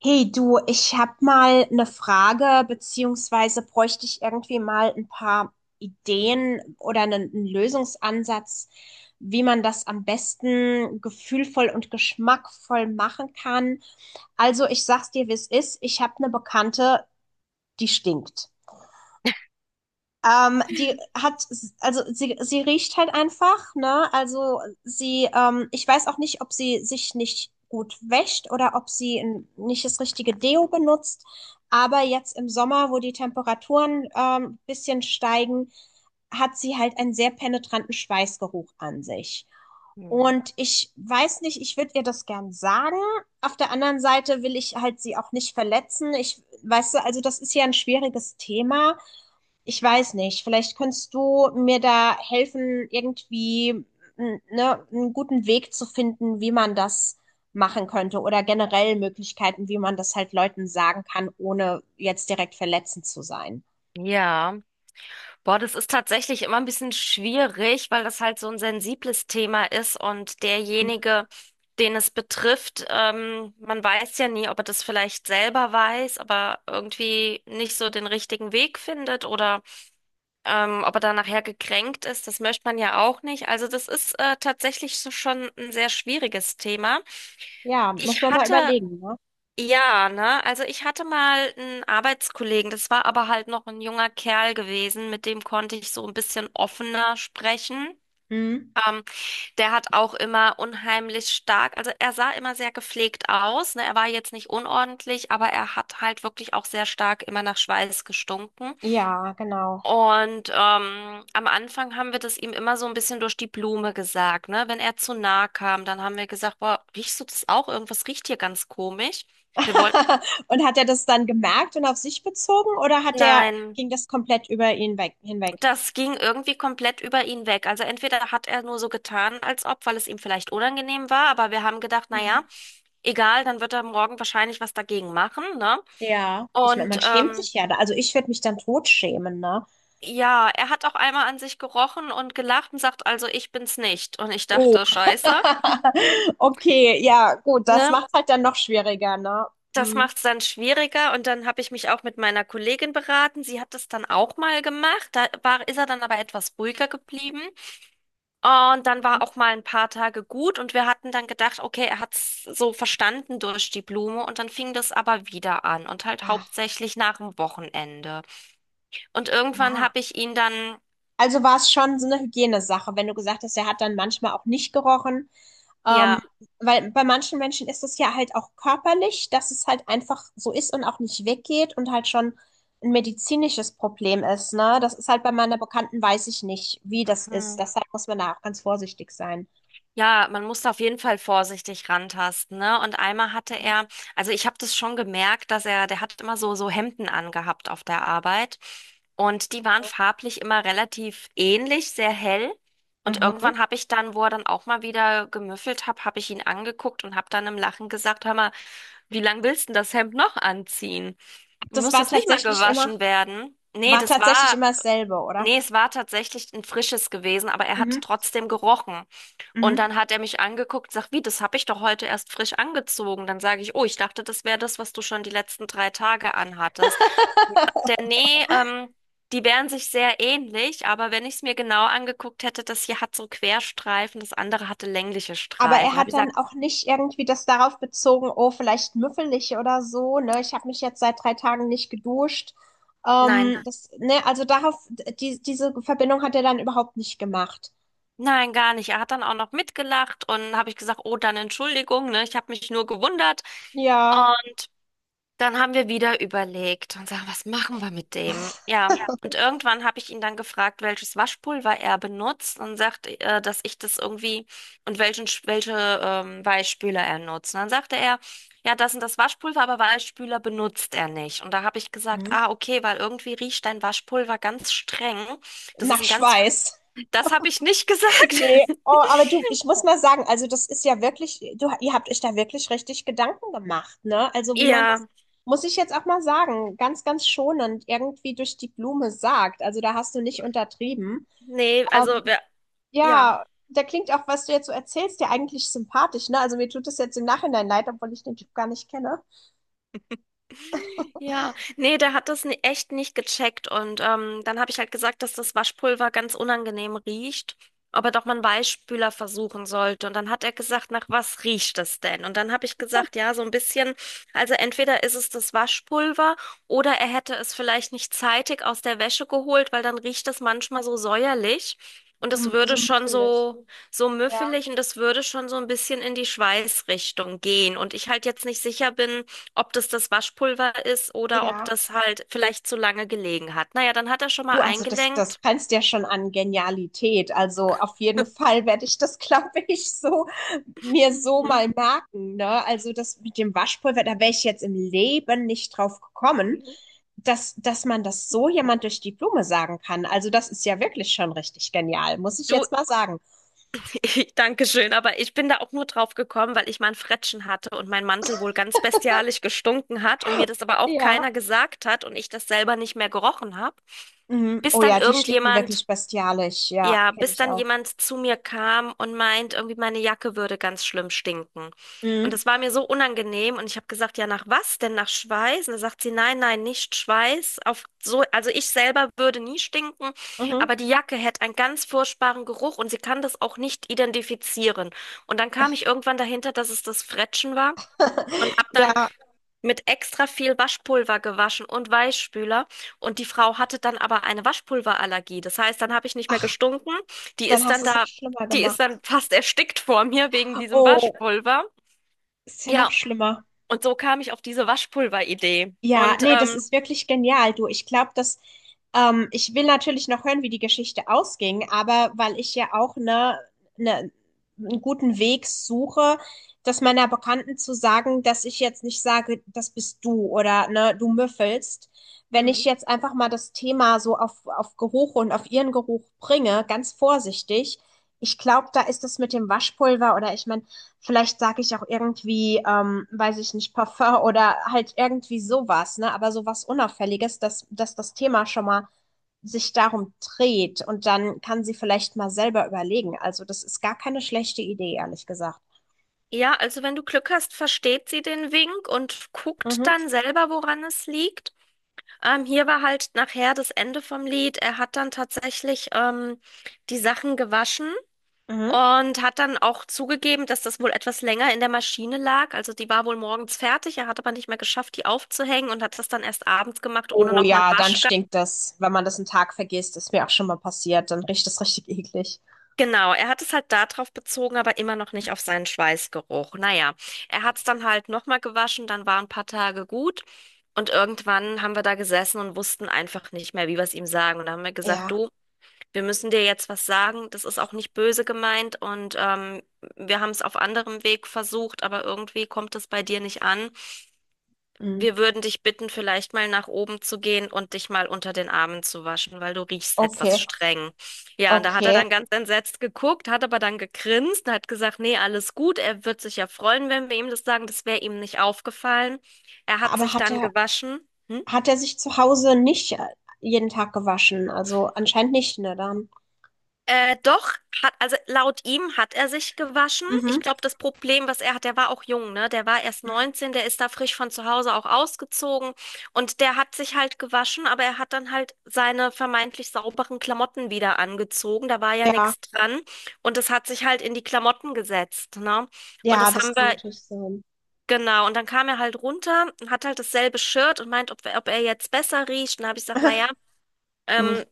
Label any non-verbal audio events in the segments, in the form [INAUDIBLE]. Hey du, ich habe mal eine Frage, beziehungsweise bräuchte ich irgendwie mal ein paar Ideen oder einen Lösungsansatz, wie man das am besten gefühlvoll und geschmackvoll machen kann. Also ich sag's dir, wie es ist. Ich habe eine Bekannte, die stinkt. Die hat, also sie riecht halt einfach, ne? Also sie, ich weiß auch nicht, ob sie sich nicht gut wäscht oder ob sie nicht das richtige Deo benutzt. Aber jetzt im Sommer, wo die Temperaturen ein bisschen steigen, hat sie halt einen sehr penetranten Schweißgeruch an sich. Hm. Und ich weiß nicht, ich würde ihr das gern sagen. Auf der anderen Seite will ich halt sie auch nicht verletzen. Ich, weißt du, also das ist ja ein schwieriges Thema. Ich weiß nicht, vielleicht kannst du mir da helfen, irgendwie ne, einen guten Weg zu finden, wie man das machen könnte oder generell Möglichkeiten, wie man das halt Leuten sagen kann, ohne jetzt direkt verletzend zu sein. Ja, boah, das ist tatsächlich immer ein bisschen schwierig, weil das halt so ein sensibles Thema ist und derjenige, den es betrifft, man weiß ja nie, ob er das vielleicht selber weiß, aber irgendwie nicht so den richtigen Weg findet oder ob er da nachher gekränkt ist, das möchte man ja auch nicht. Also das ist tatsächlich so schon ein sehr schwieriges Thema. Ja, muss Ich man mal hatte überlegen, ne? Ja, ne? Also ich hatte mal einen Arbeitskollegen, das war aber halt noch ein junger Kerl gewesen, mit dem konnte ich so ein bisschen offener sprechen. Hm? Ähm, Der hat auch immer unheimlich stark, also er sah immer sehr gepflegt aus, ne? Er war jetzt nicht unordentlich, aber er hat halt wirklich auch sehr stark immer nach Schweiß gestunken. Ja, genau. Und am Anfang haben wir das ihm immer so ein bisschen durch die Blume gesagt, ne? Wenn er zu nah kam, dann haben wir gesagt, boah, riechst du das auch? Irgendwas riecht hier ganz komisch. Wir wollten [LAUGHS] Und hat er das dann gemerkt und auf sich bezogen oder hat er, Nein, ging das komplett über ihn weg, hinweg? das ging irgendwie komplett über ihn weg. Also entweder hat er nur so getan, als ob, weil es ihm vielleicht unangenehm war, aber wir haben gedacht, na Hm. ja, egal, dann wird er morgen wahrscheinlich was dagegen machen, ne? Ja, ich meine, Und man schämt sich ja da. Also ich würde mich dann tot schämen, ne? ja, er hat auch einmal an sich gerochen und gelacht und sagt, also ich bin's nicht. Und ich Oh. dachte, Scheiße, [LAUGHS] [LAUGHS] Okay, ja, gut, das ne? macht halt dann noch schwieriger, ne? Das Mhm. macht's dann schwieriger. Und dann habe ich mich auch mit meiner Kollegin beraten. Sie hat das dann auch mal gemacht. Da war, ist er dann aber etwas ruhiger geblieben. Und dann war Mhm. auch mal ein paar Tage gut und wir hatten dann gedacht, okay, er hat's so verstanden durch die Blume und dann fing das aber wieder an und halt Ach, hauptsächlich nach dem Wochenende. Und irgendwann ja. habe ich ihn dann, Also war es schon so eine Hygienesache, wenn du gesagt hast, er hat dann manchmal auch nicht gerochen. Ähm, ja. weil bei manchen Menschen ist es ja halt auch körperlich, dass es halt einfach so ist und auch nicht weggeht und halt schon ein medizinisches Problem ist, ne? Das ist halt bei meiner Bekannten, weiß ich nicht, wie das ist. hm, Deshalb muss man da auch ganz vorsichtig sein. Ja, man muss da auf jeden Fall vorsichtig rantasten, ne? Mhm. Also ich habe das schon gemerkt, dass er, der hat immer so Hemden angehabt auf der Arbeit und die waren farblich immer relativ ähnlich, sehr hell. Und Mhm. irgendwann habe ich dann, wo er dann auch mal wieder gemüffelt hat, habe ich ihn angeguckt und habe dann im Lachen gesagt, hör mal, wie lang willst du denn das Hemd noch anziehen? Das Muss das nicht mal gewaschen werden? War tatsächlich immer dasselbe, oder? Nee, es war tatsächlich ein frisches gewesen, aber er Mhm. hat trotzdem gerochen. Und Mhm. dann hat er mich angeguckt, sagt, wie, das habe ich doch heute erst frisch angezogen. Dann sage ich, oh, ich dachte, das wäre das, was du schon die letzten 3 Tage anhattest. [LAUGHS] Der, nee, ähm, Die wären sich sehr ähnlich, aber wenn ich es mir genau angeguckt hätte, das hier hat so Querstreifen, das andere hatte längliche Aber er Streifen. Da habe hat ich dann gesagt, auch nicht irgendwie das darauf bezogen, oh, vielleicht müffel ich oder so, ne? Ich habe mich jetzt seit drei Tagen nicht geduscht. nein, Das, ne, also darauf, diese Verbindung hat er dann überhaupt nicht gemacht. nein, gar nicht. Er hat dann auch noch mitgelacht und habe ich gesagt, oh, dann Entschuldigung, ne, ich habe mich nur gewundert. Ja, Dann haben wir wieder überlegt und sagen, was machen wir mit dem? Ja, und irgendwann habe ich ihn dann gefragt, welches Waschpulver er benutzt und sagt, dass ich das irgendwie und welche Weichspüler er nutzt. Und dann sagte er, ja, das sind das Waschpulver, aber Weichspüler benutzt er nicht. Und da habe ich gesagt, mhm. ah, okay, weil irgendwie riecht dein Waschpulver ganz streng. Das ist Nach ein ganz, Schweiß. das habe ich nicht gesagt. Nee, oh, [LAUGHS] aber du, ich muss mal sagen, also das ist ja wirklich, du, ihr habt euch da wirklich richtig Gedanken gemacht, ne? Also wie man das, Ja, muss ich jetzt auch mal sagen, ganz, ganz schonend irgendwie durch die Blume sagt. Also da hast du nicht untertrieben. nee, Ähm, also wir, ja. ja, da klingt auch, was du jetzt so erzählst, ja eigentlich sympathisch, ne? Also mir tut es jetzt im Nachhinein leid, obwohl ich den Typ gar nicht kenne. Ja, nee, der hat das echt nicht gecheckt und dann habe ich halt gesagt, dass das Waschpulver ganz unangenehm riecht, ob er doch mal einen Weichspüler versuchen sollte. Und dann hat er gesagt, nach was riecht es denn? Und dann habe ich gesagt, ja, so ein bisschen, also entweder ist es das Waschpulver oder er hätte es vielleicht nicht zeitig aus der Wäsche geholt, weil dann riecht es manchmal so säuerlich und So, es würde so schon müffelig. so Ja, müffelig und das würde schon so ein bisschen in die Schweißrichtung gehen. Und ich halt jetzt nicht sicher bin, ob das das Waschpulver ist oder ob ja. das halt vielleicht zu lange gelegen hat. Naja, dann hat er schon mal Du, also das eingelenkt. grenzt ja schon an Genialität. Also auf jeden Fall werde ich das, [LAUGHS] glaube ich, so mir so Mhm. mal merken, ne? Also das mit dem Waschpulver, da wäre ich jetzt im Leben nicht drauf gekommen, dass man das so jemand durch die Blume sagen kann. Also das ist ja wirklich schon richtig genial, muss ich Du, jetzt mal sagen. [LAUGHS] Danke schön, aber ich bin da auch nur drauf gekommen, weil ich mal ein Frettchen hatte und mein Mantel wohl ganz bestialisch gestunken hat und mir das aber auch Ja. keiner gesagt hat und ich das selber nicht mehr gerochen habe, Mhm. bis Oh dann ja, die stinken irgendjemand wirklich bestialisch. Ja, Ja, kenne bis ich dann auch. jemand zu mir kam und meint, irgendwie meine Jacke würde ganz schlimm stinken. Und Mhm. das war mir so unangenehm und ich habe gesagt, ja, nach was denn? Nach Schweiß? Und da sagt sie, nein, nein, nicht Schweiß. Auf so, also ich selber würde nie stinken, Mhm. aber die Jacke hätte einen ganz furchtbaren Geruch und sie kann das auch nicht identifizieren. Und dann kam ich irgendwann dahinter, dass es das Frettchen war. Und [LAUGHS] habe dann Ja, Mit extra viel Waschpulver gewaschen und Weichspüler. Und die Frau hatte dann aber eine Waschpulverallergie. Das heißt, dann habe ich nicht mehr ach, gestunken. Die dann ist hast dann du es noch da, schlimmer Die ist gemacht. dann fast erstickt vor mir wegen diesem Oh, Waschpulver. ist ja noch Ja, schlimmer. und so kam ich auf diese Waschpulveridee. Ja, Und nee, das ist wirklich genial, du. Ich glaube, dass ich will natürlich noch hören, wie die Geschichte ausging, aber weil ich ja auch ne, einen guten Weg suche, das meiner Bekannten zu sagen, dass ich jetzt nicht sage, das bist du oder ne, du müffelst. Wenn hm. ich jetzt einfach mal das Thema so auf Geruch und auf ihren Geruch bringe, ganz vorsichtig, ich glaube, da ist das mit dem Waschpulver oder ich meine, vielleicht sage ich auch irgendwie, weiß ich nicht, Parfum oder halt irgendwie sowas, ne? Aber sowas Unauffälliges, dass das Thema schon mal sich darum dreht und dann kann sie vielleicht mal selber überlegen. Also das ist gar keine schlechte Idee, ehrlich gesagt. Ja, also wenn du Glück hast, versteht sie den Wink und guckt Mhm, dann selber, woran es liegt. Hier war halt nachher das Ende vom Lied. Er hat dann tatsächlich die Sachen gewaschen. mhm. Und hat dann auch zugegeben, dass das wohl etwas länger in der Maschine lag. Also die war wohl morgens fertig. Er hat aber nicht mehr geschafft, die aufzuhängen und hat das dann erst abends gemacht, ohne Oh nochmal einen ja, dann Waschgang. stinkt das, wenn man das einen Tag vergisst, ist mir auch schon mal passiert, dann riecht das richtig eklig. Genau, er hat es halt darauf bezogen, aber immer noch nicht auf seinen Schweißgeruch. Naja, er hat es dann halt nochmal gewaschen, dann waren ein paar Tage gut. Und irgendwann haben wir da gesessen und wussten einfach nicht mehr, wie wir es ihm sagen. Und dann haben wir gesagt, Ja, du, wir müssen dir jetzt was sagen. Das ist auch nicht böse gemeint und wir haben es auf anderem Weg versucht, aber irgendwie kommt es bei dir nicht an. mhm. Wir würden dich bitten, vielleicht mal nach oben zu gehen und dich mal unter den Armen zu waschen, weil du riechst etwas Okay, streng. Ja, und da hat er okay. dann ganz entsetzt geguckt, hat aber dann gegrinst und hat gesagt, nee, alles gut. Er wird sich ja freuen, wenn wir ihm das sagen. Das wäre ihm nicht aufgefallen. Er hat Aber sich dann gewaschen. Hm? hat er sich zu Hause nicht jeden Tag gewaschen. Also anscheinend nicht, ne, dann. Doch, hat, also laut ihm hat er sich gewaschen. Ich Mhm. glaube, das Problem, was er hat, der war auch jung, ne? Der war erst Mhm. 19, der ist da frisch von zu Hause auch ausgezogen und der hat sich halt gewaschen, aber er hat dann halt seine vermeintlich sauberen Klamotten wieder angezogen. Da war ja Ja, nichts dran und das hat sich halt in die Klamotten gesetzt, ne? Und ja, das das haben kann wir, natürlich sein. genau. Und dann kam er halt runter und hat halt dasselbe Shirt und meint, ob er jetzt besser riecht. Und da habe ich gesagt, [LAUGHS] naja, ähm,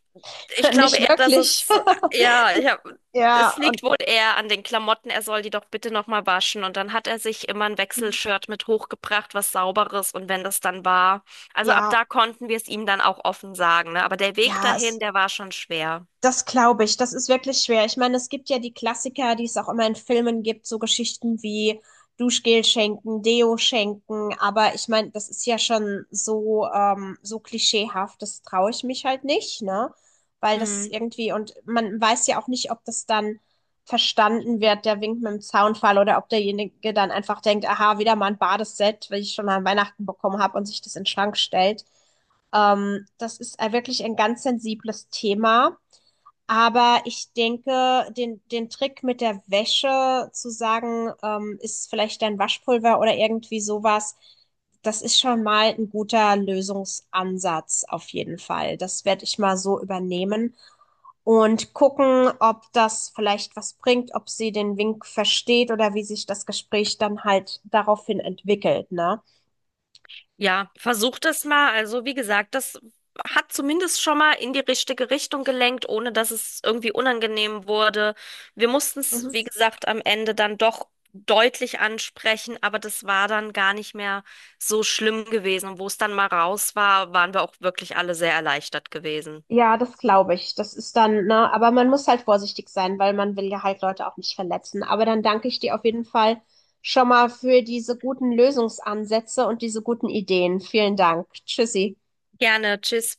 ich glaube Nicht eher, dass wirklich. es, ja, ich hab, [LAUGHS] es Ja, und liegt wohl eher an den Klamotten. Er soll die doch bitte nochmal waschen. Und dann hat er sich immer ein Wechselshirt mit hochgebracht, was Sauberes. Und wenn das dann war, also ab ja, da konnten wir es ihm dann auch offen sagen, ne? Aber der Weg ja, dahin, es der war schon schwer. das glaube ich, das ist wirklich schwer. Ich meine, es gibt ja die Klassiker, die es auch immer in Filmen gibt, so Geschichten wie Duschgel schenken, Deo schenken, aber ich meine, das ist ja schon so, so klischeehaft, das traue ich mich halt nicht, ne? Weil das Hm. irgendwie, und man weiß ja auch nicht, ob das dann verstanden wird, der Wink mit dem Zaunfall, oder ob derjenige dann einfach denkt, aha, wieder mal ein Badeset, weil ich schon an Weihnachten bekommen habe und sich das in den Schrank stellt. Das ist wirklich ein ganz sensibles Thema. Aber ich denke, den Trick mit der Wäsche zu sagen, ist vielleicht dein Waschpulver oder irgendwie sowas, das ist schon mal ein guter Lösungsansatz auf jeden Fall. Das werde ich mal so übernehmen und gucken, ob das vielleicht was bringt, ob sie den Wink versteht oder wie sich das Gespräch dann halt daraufhin entwickelt, ne? Ja, versuch das mal. Also, wie gesagt, das hat zumindest schon mal in die richtige Richtung gelenkt, ohne dass es irgendwie unangenehm wurde. Wir mussten Mhm. es, wie gesagt, am Ende dann doch deutlich ansprechen, aber das war dann gar nicht mehr so schlimm gewesen. Und wo es dann mal raus war, waren wir auch wirklich alle sehr erleichtert gewesen. Ja, das glaube ich. Das ist dann, ne, aber man muss halt vorsichtig sein, weil man will ja halt Leute auch nicht verletzen. Aber dann danke ich dir auf jeden Fall schon mal für diese guten Lösungsansätze und diese guten Ideen. Vielen Dank. Tschüssi. Gerne, tschüss.